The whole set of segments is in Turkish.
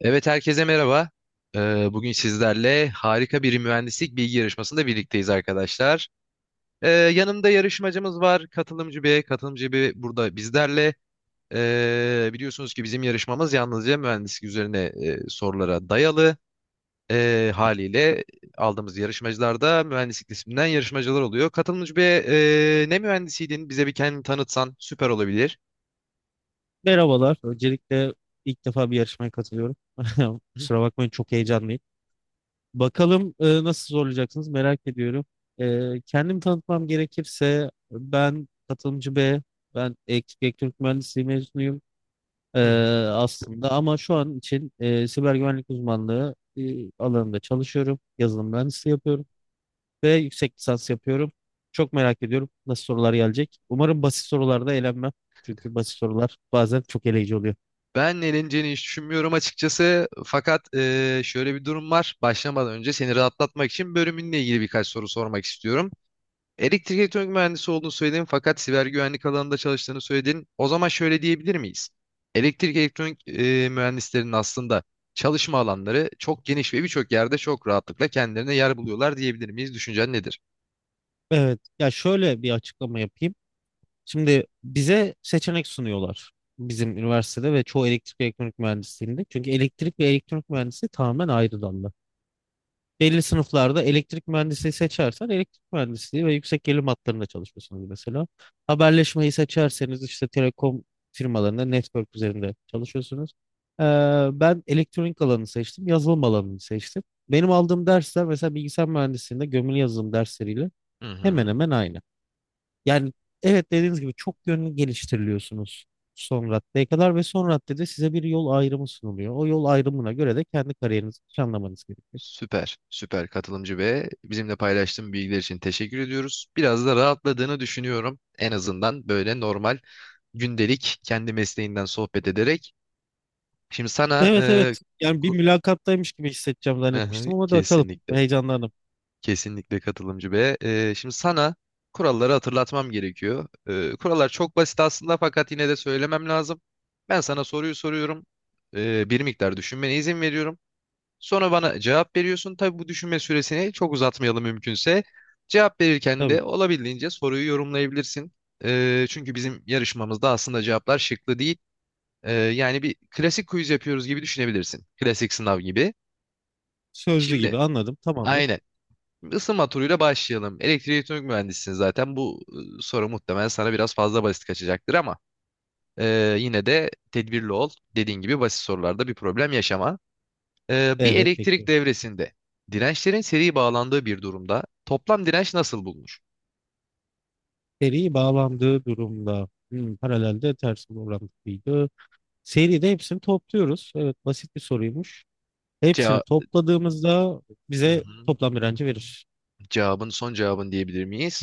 Evet herkese merhaba. Bugün sizlerle harika bir mühendislik bilgi yarışmasında birlikteyiz arkadaşlar. Yanımda yarışmacımız var. Katılımcı B. Katılımcı B burada bizlerle. Biliyorsunuz ki bizim yarışmamız yalnızca mühendislik üzerine sorulara dayalı. Haliyle aldığımız yarışmacılarda mühendislik disiplinden yarışmacılar oluyor. Katılımcı B, ne mühendisiydin? Bize bir kendini tanıtsan süper olabilir. Merhabalar. Öncelikle ilk defa bir yarışmaya katılıyorum. Kusura bakmayın çok heyecanlıyım. Bakalım nasıl zorlayacaksınız merak ediyorum. Kendimi tanıtmam gerekirse ben katılımcı B, ben elektrik elektronik mühendisliği mezunuyum e, aslında ama şu an için siber güvenlik uzmanlığı alanında çalışıyorum. Yazılım mühendisliği yapıyorum ve yüksek lisans yapıyorum. Çok merak ediyorum nasıl sorular gelecek. Umarım basit sorularda eğlenmem. Çünkü basit sorular bazen çok eleyici oluyor. Ben eleneceğini hiç düşünmüyorum açıkçası. Fakat şöyle bir durum var. Başlamadan önce seni rahatlatmak için bölümünle ilgili birkaç soru sormak istiyorum. Elektrik elektronik mühendisi olduğunu söyledin fakat siber güvenlik alanında çalıştığını söyledin. O zaman şöyle diyebilir miyiz? Elektrik elektronik mühendislerinin aslında çalışma alanları çok geniş ve birçok yerde çok rahatlıkla kendilerine yer buluyorlar diyebilir miyiz? Düşüncen nedir? Evet. Ya şöyle bir açıklama yapayım. Şimdi bize seçenek sunuyorlar bizim üniversitede ve çoğu elektrik ve elektronik mühendisliğinde. Çünkü elektrik ve elektronik mühendisliği tamamen ayrı dallar. Belli sınıflarda elektrik mühendisliği seçersen elektrik mühendisliği ve yüksek gerilim hatlarında çalışıyorsunuz mesela. Haberleşmeyi seçerseniz işte telekom firmalarında network üzerinde çalışıyorsunuz. Ee, Ben elektronik alanı seçtim, yazılım alanını seçtim. Benim aldığım dersler mesela bilgisayar mühendisliğinde gömülü yazılım dersleriyle Hı hemen hı. hemen aynı. Yani evet dediğiniz gibi çok yönlü geliştiriliyorsunuz son raddeye kadar ve son raddede size bir yol ayrımı sunuluyor. O yol ayrımına göre de kendi kariyerinizi planlamanız gerekiyor. Süper, süper katılımcı ve bizimle paylaştığın bilgiler için teşekkür ediyoruz. Biraz da rahatladığını düşünüyorum. En azından böyle normal gündelik kendi mesleğinden sohbet ederek. Şimdi sana Evet evet, yani bir ku- mülakattaymış gibi hissedeceğim Aha, zannetmiştim ama da bakalım kesinlikle, heyecanlandım. kesinlikle katılımcı ve şimdi sana kuralları hatırlatmam gerekiyor. Kurallar çok basit aslında fakat yine de söylemem lazım. Ben sana soruyu soruyorum. Bir miktar düşünmene izin veriyorum. Sonra bana cevap veriyorsun. Tabii bu düşünme süresini çok uzatmayalım mümkünse. Cevap verirken de Tabii, olabildiğince soruyu yorumlayabilirsin. Çünkü bizim yarışmamızda aslında cevaplar şıklı değil. Yani bir klasik quiz yapıyoruz gibi düşünebilirsin. Klasik sınav gibi. sözlü Şimdi gibi anladım, tamamdır. aynen. Isınma turuyla başlayalım. Elektrik elektronik mühendisisin zaten. Bu soru muhtemelen sana biraz fazla basit kaçacaktır ama yine de tedbirli ol. Dediğin gibi basit sorularda bir problem yaşama. Bir Evet, elektrik bekliyorum. devresinde dirençlerin seri bağlandığı bir durumda toplam direnç nasıl bulunur? Seri bağlandığı durumda paralelde ters bir orantılıydı. Seride hepsini topluyoruz. Evet, basit bir soruymuş. Hepsini Cevap, topladığımızda hı bize hı. toplam direnci verir. Son cevabın diyebilir miyiz?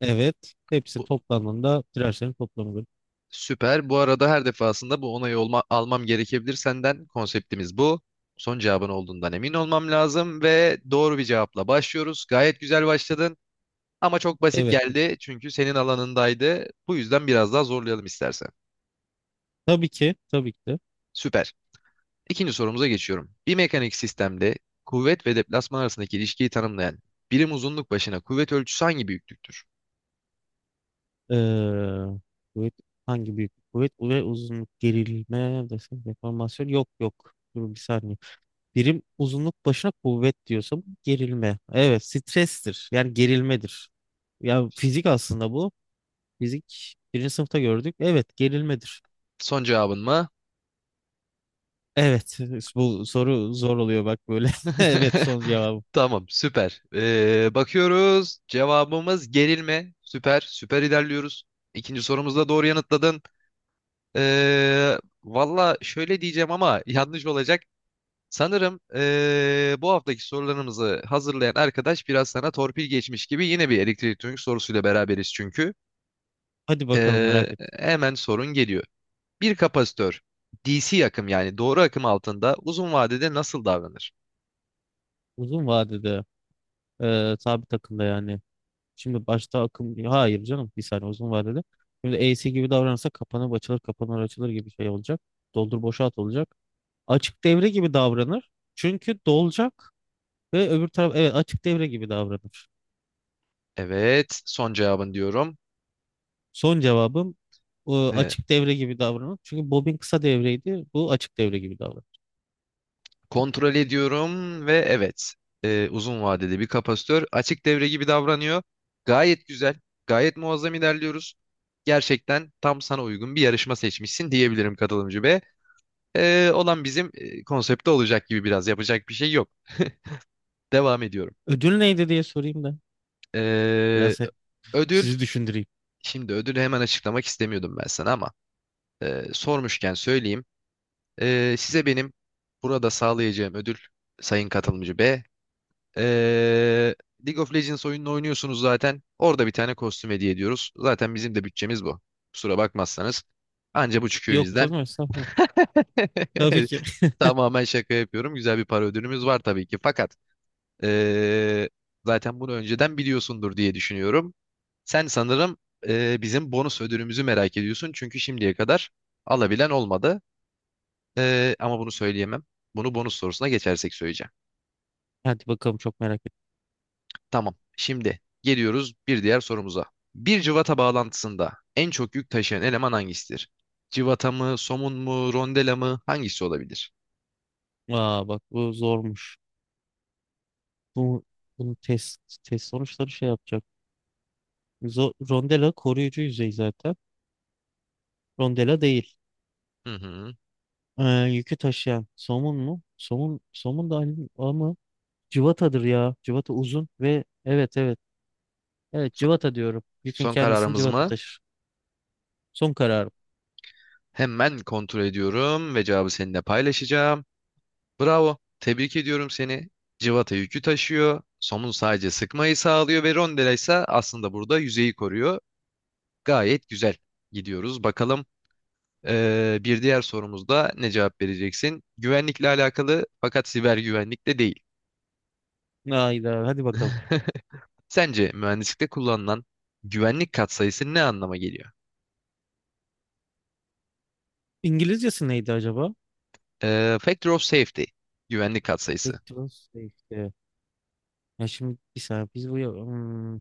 Evet. Hepsi Bu, toplandığında tirajların toplamıdır. süper. Bu arada her defasında bu onayı almam gerekebilir senden. Konseptimiz bu. Son cevabın olduğundan emin olmam lazım ve doğru bir cevapla başlıyoruz. Gayet güzel başladın ama çok basit Evet. Değil. geldi çünkü senin alanındaydı. Bu yüzden biraz daha zorlayalım istersen. Tabii ki. Tabii ki de. Süper. İkinci sorumuza geçiyorum. Bir mekanik sistemde kuvvet ve deplasman arasındaki ilişkiyi tanımlayan birim uzunluk başına kuvvet ölçüsü hangi büyüklüktür? Ee, kuvvet, hangi büyük kuvvet ve uzunluk gerilme desem deformasyon, yok yok. Dur bir saniye. Birim uzunluk başına kuvvet diyorsam gerilme. Evet, strestir. Yani gerilmedir. Ya fizik aslında bu. Fizik birinci sınıfta gördük. Evet, gerilmedir. Son cevabın mı? Evet, bu soru zor oluyor bak böyle. Evet, son cevabım. Tamam, süper. Bakıyoruz. Cevabımız gerilme. Süper, süper ilerliyoruz. İkinci sorumuzda doğru yanıtladın. Ee, Valla şöyle diyeceğim ama yanlış olacak. Sanırım bu haftaki sorularımızı hazırlayan arkadaş biraz sana torpil geçmiş gibi yine bir elektronik sorusuyla beraberiz çünkü. Hadi bakalım, Ee, merak ettim. Hemen sorun geliyor. Bir kapasitör DC akım yani doğru akım altında uzun vadede nasıl davranır? Uzun vadede. Sabit akıllı yani. Şimdi başta akım, hayır canım, bir saniye, uzun vadede. Şimdi AC gibi davranırsa kapanıp açılır kapanır açılır gibi şey olacak. Doldur boşalt olacak. Açık devre gibi davranır. Çünkü dolacak ve öbür taraf, evet açık devre gibi davranır. Evet, son cevabın diyorum. Son cevabım Ee, açık devre gibi davranır. Çünkü bobin kısa devreydi. Bu açık devre gibi davranır. Kontrol ediyorum ve evet, uzun vadede bir kapasitör açık devre gibi davranıyor. Gayet güzel, gayet muazzam ilerliyoruz. Gerçekten tam sana uygun bir yarışma seçmişsin diyebilirim katılımcı be. Olan bizim konsepte olacak gibi biraz yapacak bir şey yok. Devam ediyorum. Ödül neydi diye sorayım da Ee, biraz Ödül sizi düşündüreyim. Şimdi ödülü hemen açıklamak istemiyordum ben sana ama sormuşken söyleyeyim. Size benim burada sağlayacağım ödül sayın katılımcı B. E, League of Legends oyununu oynuyorsunuz zaten. Orada bir tane kostüm hediye ediyoruz. Zaten bizim de bütçemiz bu. Kusura bakmazsanız. Anca bu çıkıyor Yok bizden. canım, estağfurullah. Tabii ki. Tamamen şaka yapıyorum. Güzel bir para ödülümüz var tabii ki. Fakat ee, zaten bunu önceden biliyorsundur diye düşünüyorum. Sen sanırım bizim bonus ödülümüzü merak ediyorsun. Çünkü şimdiye kadar alabilen olmadı. Ama bunu söyleyemem. Bunu bonus sorusuna geçersek söyleyeceğim. Hadi bakalım, çok merak ettim. Tamam. Şimdi geliyoruz bir diğer sorumuza. Bir cıvata bağlantısında en çok yük taşıyan eleman hangisidir? Cıvata mı, somun mu, rondela mı? Hangisi olabilir? Aa bak, bu zormuş. Bu bunun test sonuçları şey yapacak. Rondela koruyucu yüzey zaten. Rondela değil. Hı hı. Ee, Yükü taşıyan somun mu? Somun da aynı ama cıvatadır ya. Cıvata uzun ve evet evet. Evet, So- cıvata diyorum. Yükün son kendisini kararımız cıvata mı? taşır. Son kararım. Hemen kontrol ediyorum ve cevabı seninle paylaşacağım. Bravo. Tebrik ediyorum seni. Civata yükü taşıyor. Somun sadece sıkmayı sağlıyor ve rondela ise aslında burada yüzeyi koruyor. Gayet güzel gidiyoruz. Bakalım bir diğer sorumuzda ne cevap vereceksin? Güvenlikle alakalı fakat siber güvenlikte değil. Hayda, hadi bakalım. Sence mühendislikte kullanılan güvenlik katsayısı ne anlama geliyor? İngilizcesi neydi acaba? Factor of safety. Güvenlik Back katsayısı. to safety. Ya şimdi bir saniye biz bu hmm.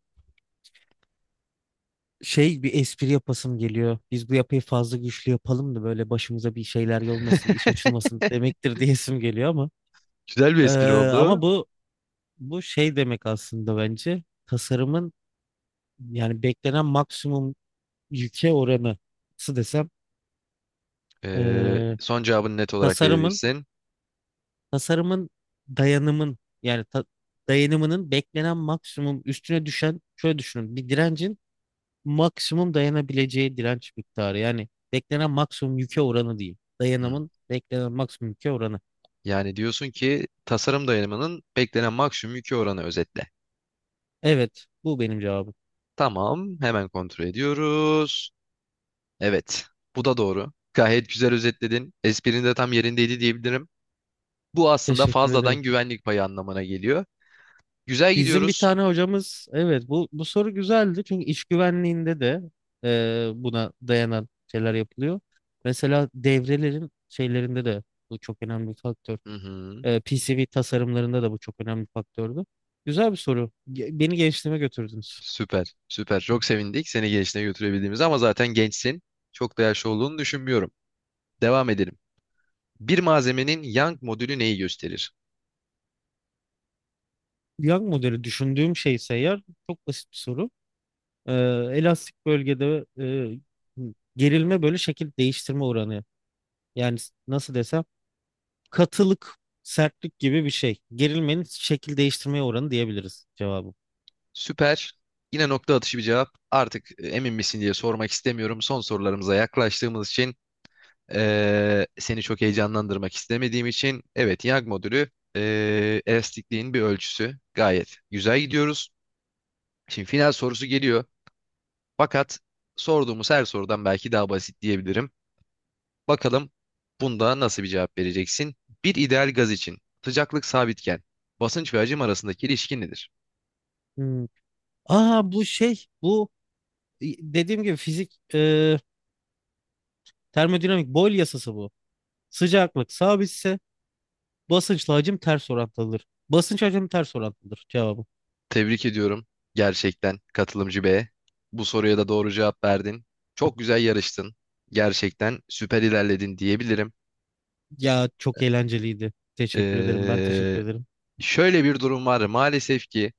Şey, bir espri yapasım geliyor. Biz bu yapıyı fazla güçlü yapalım da böyle başımıza bir şeyler olmasın, iş açılmasın demektir diyesim geliyor ama Güzel bir Ee, espri oldu. ama bu şey demek aslında bence tasarımın yani beklenen maksimum yüke oranı, nasıl desem ee, Son cevabını net olarak tasarımın verebilirsin. tasarımın dayanımın, yani dayanımının beklenen maksimum üstüne düşen, şöyle düşünün, bir direncin maksimum dayanabileceği direnç miktarı. Yani beklenen maksimum yüke oranı değil. Hmm. Dayanımın beklenen maksimum yüke oranı. Yani diyorsun ki tasarım dayanımının beklenen maksimum yükü oranı özetle. Evet, bu benim cevabım. Tamam, hemen kontrol ediyoruz. Evet, bu da doğru. Gayet güzel özetledin. Esprin de tam yerindeydi diyebilirim. Bu aslında Teşekkür fazladan ederim. güvenlik payı anlamına geliyor. Güzel Bizim bir gidiyoruz. tane hocamız, evet bu, bu soru güzeldi çünkü iş güvenliğinde de buna dayanan şeyler yapılıyor. Mesela devrelerin şeylerinde de bu çok önemli bir faktör. Hı hı, PCB tasarımlarında da bu çok önemli bir faktördü. Güzel bir soru. Beni gençliğime götürdünüz. süper, süper. Çok sevindik seni gençliğe götürebildiğimiz ama zaten gençsin. Çok da yaşlı olduğunu düşünmüyorum. Devam edelim. Bir malzemenin Young modülü neyi gösterir? Young modeli düşündüğüm şeyse eğer çok basit bir soru. e, Elastik bölgede e, gerilme böyle şekil değiştirme oranı. Yani nasıl desem, katılık, sertlik gibi bir şey. Gerilmenin şekil değiştirme oranı diyebiliriz cevabı. Süper. Yine nokta atışı bir cevap. Artık emin misin diye sormak istemiyorum. Son sorularımıza yaklaştığımız için seni çok heyecanlandırmak istemediğim için evet Young modülü elastikliğin bir ölçüsü. Gayet güzel gidiyoruz. Şimdi final sorusu geliyor. Fakat sorduğumuz her sorudan belki daha basit diyebilirim. Bakalım bunda nasıl bir cevap vereceksin? Bir ideal gaz için sıcaklık sabitken basınç ve hacim arasındaki ilişki nedir? Hmm. Aa bu şey, bu dediğim gibi fizik, termodinamik, Boyle yasası bu. Sıcaklık sabitse basınçla hacim ters orantılıdır. Basınç hacim ters orantılıdır cevabı. Tebrik ediyorum gerçekten katılımcı B'ye. Bu soruya da doğru cevap verdin. Çok güzel yarıştın. Gerçekten süper ilerledin diyebilirim. Ya, çok eğlenceliydi. Teşekkür ederim. Ben teşekkür Ee, ederim. Şöyle bir durum var. Maalesef ki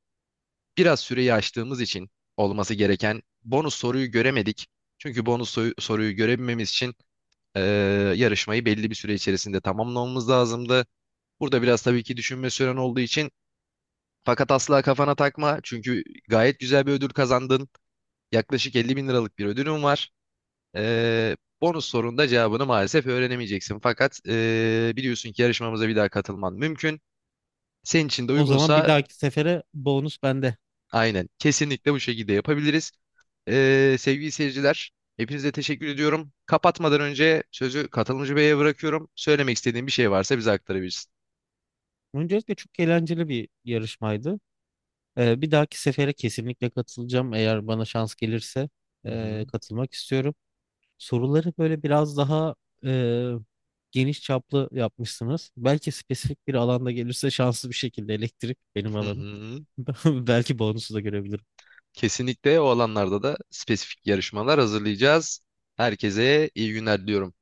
biraz süreyi aştığımız için olması gereken bonus soruyu göremedik. Çünkü soruyu görebilmemiz için ee, yarışmayı belli bir süre içerisinde tamamlamamız lazımdı. Burada biraz tabii ki düşünme süren olduğu için fakat asla kafana takma. Çünkü gayet güzel bir ödül kazandın. Yaklaşık 50 bin liralık bir ödülüm var. Bonus sorunda cevabını maalesef öğrenemeyeceksin. Fakat biliyorsun ki yarışmamıza bir daha katılman mümkün. Senin için de O zaman bir uygunsa dahaki sefere bonus bende. aynen kesinlikle bu şekilde yapabiliriz. Sevgili seyirciler, hepinize teşekkür ediyorum. Kapatmadan önce sözü katılımcı beye bırakıyorum. Söylemek istediğin bir şey varsa bize aktarabilirsin. Öncelikle çok eğlenceli bir yarışmaydı. Bir dahaki sefere kesinlikle katılacağım. Eğer bana şans gelirse Hı hı, katılmak istiyorum. Soruları böyle biraz daha e, geniş çaplı yapmışsınız. Belki spesifik bir alanda gelirse şanslı bir şekilde elektrik benim hı alanım. hı. Belki bonusu da görebilirim. Kesinlikle o alanlarda da spesifik yarışmalar hazırlayacağız. Herkese iyi günler diliyorum.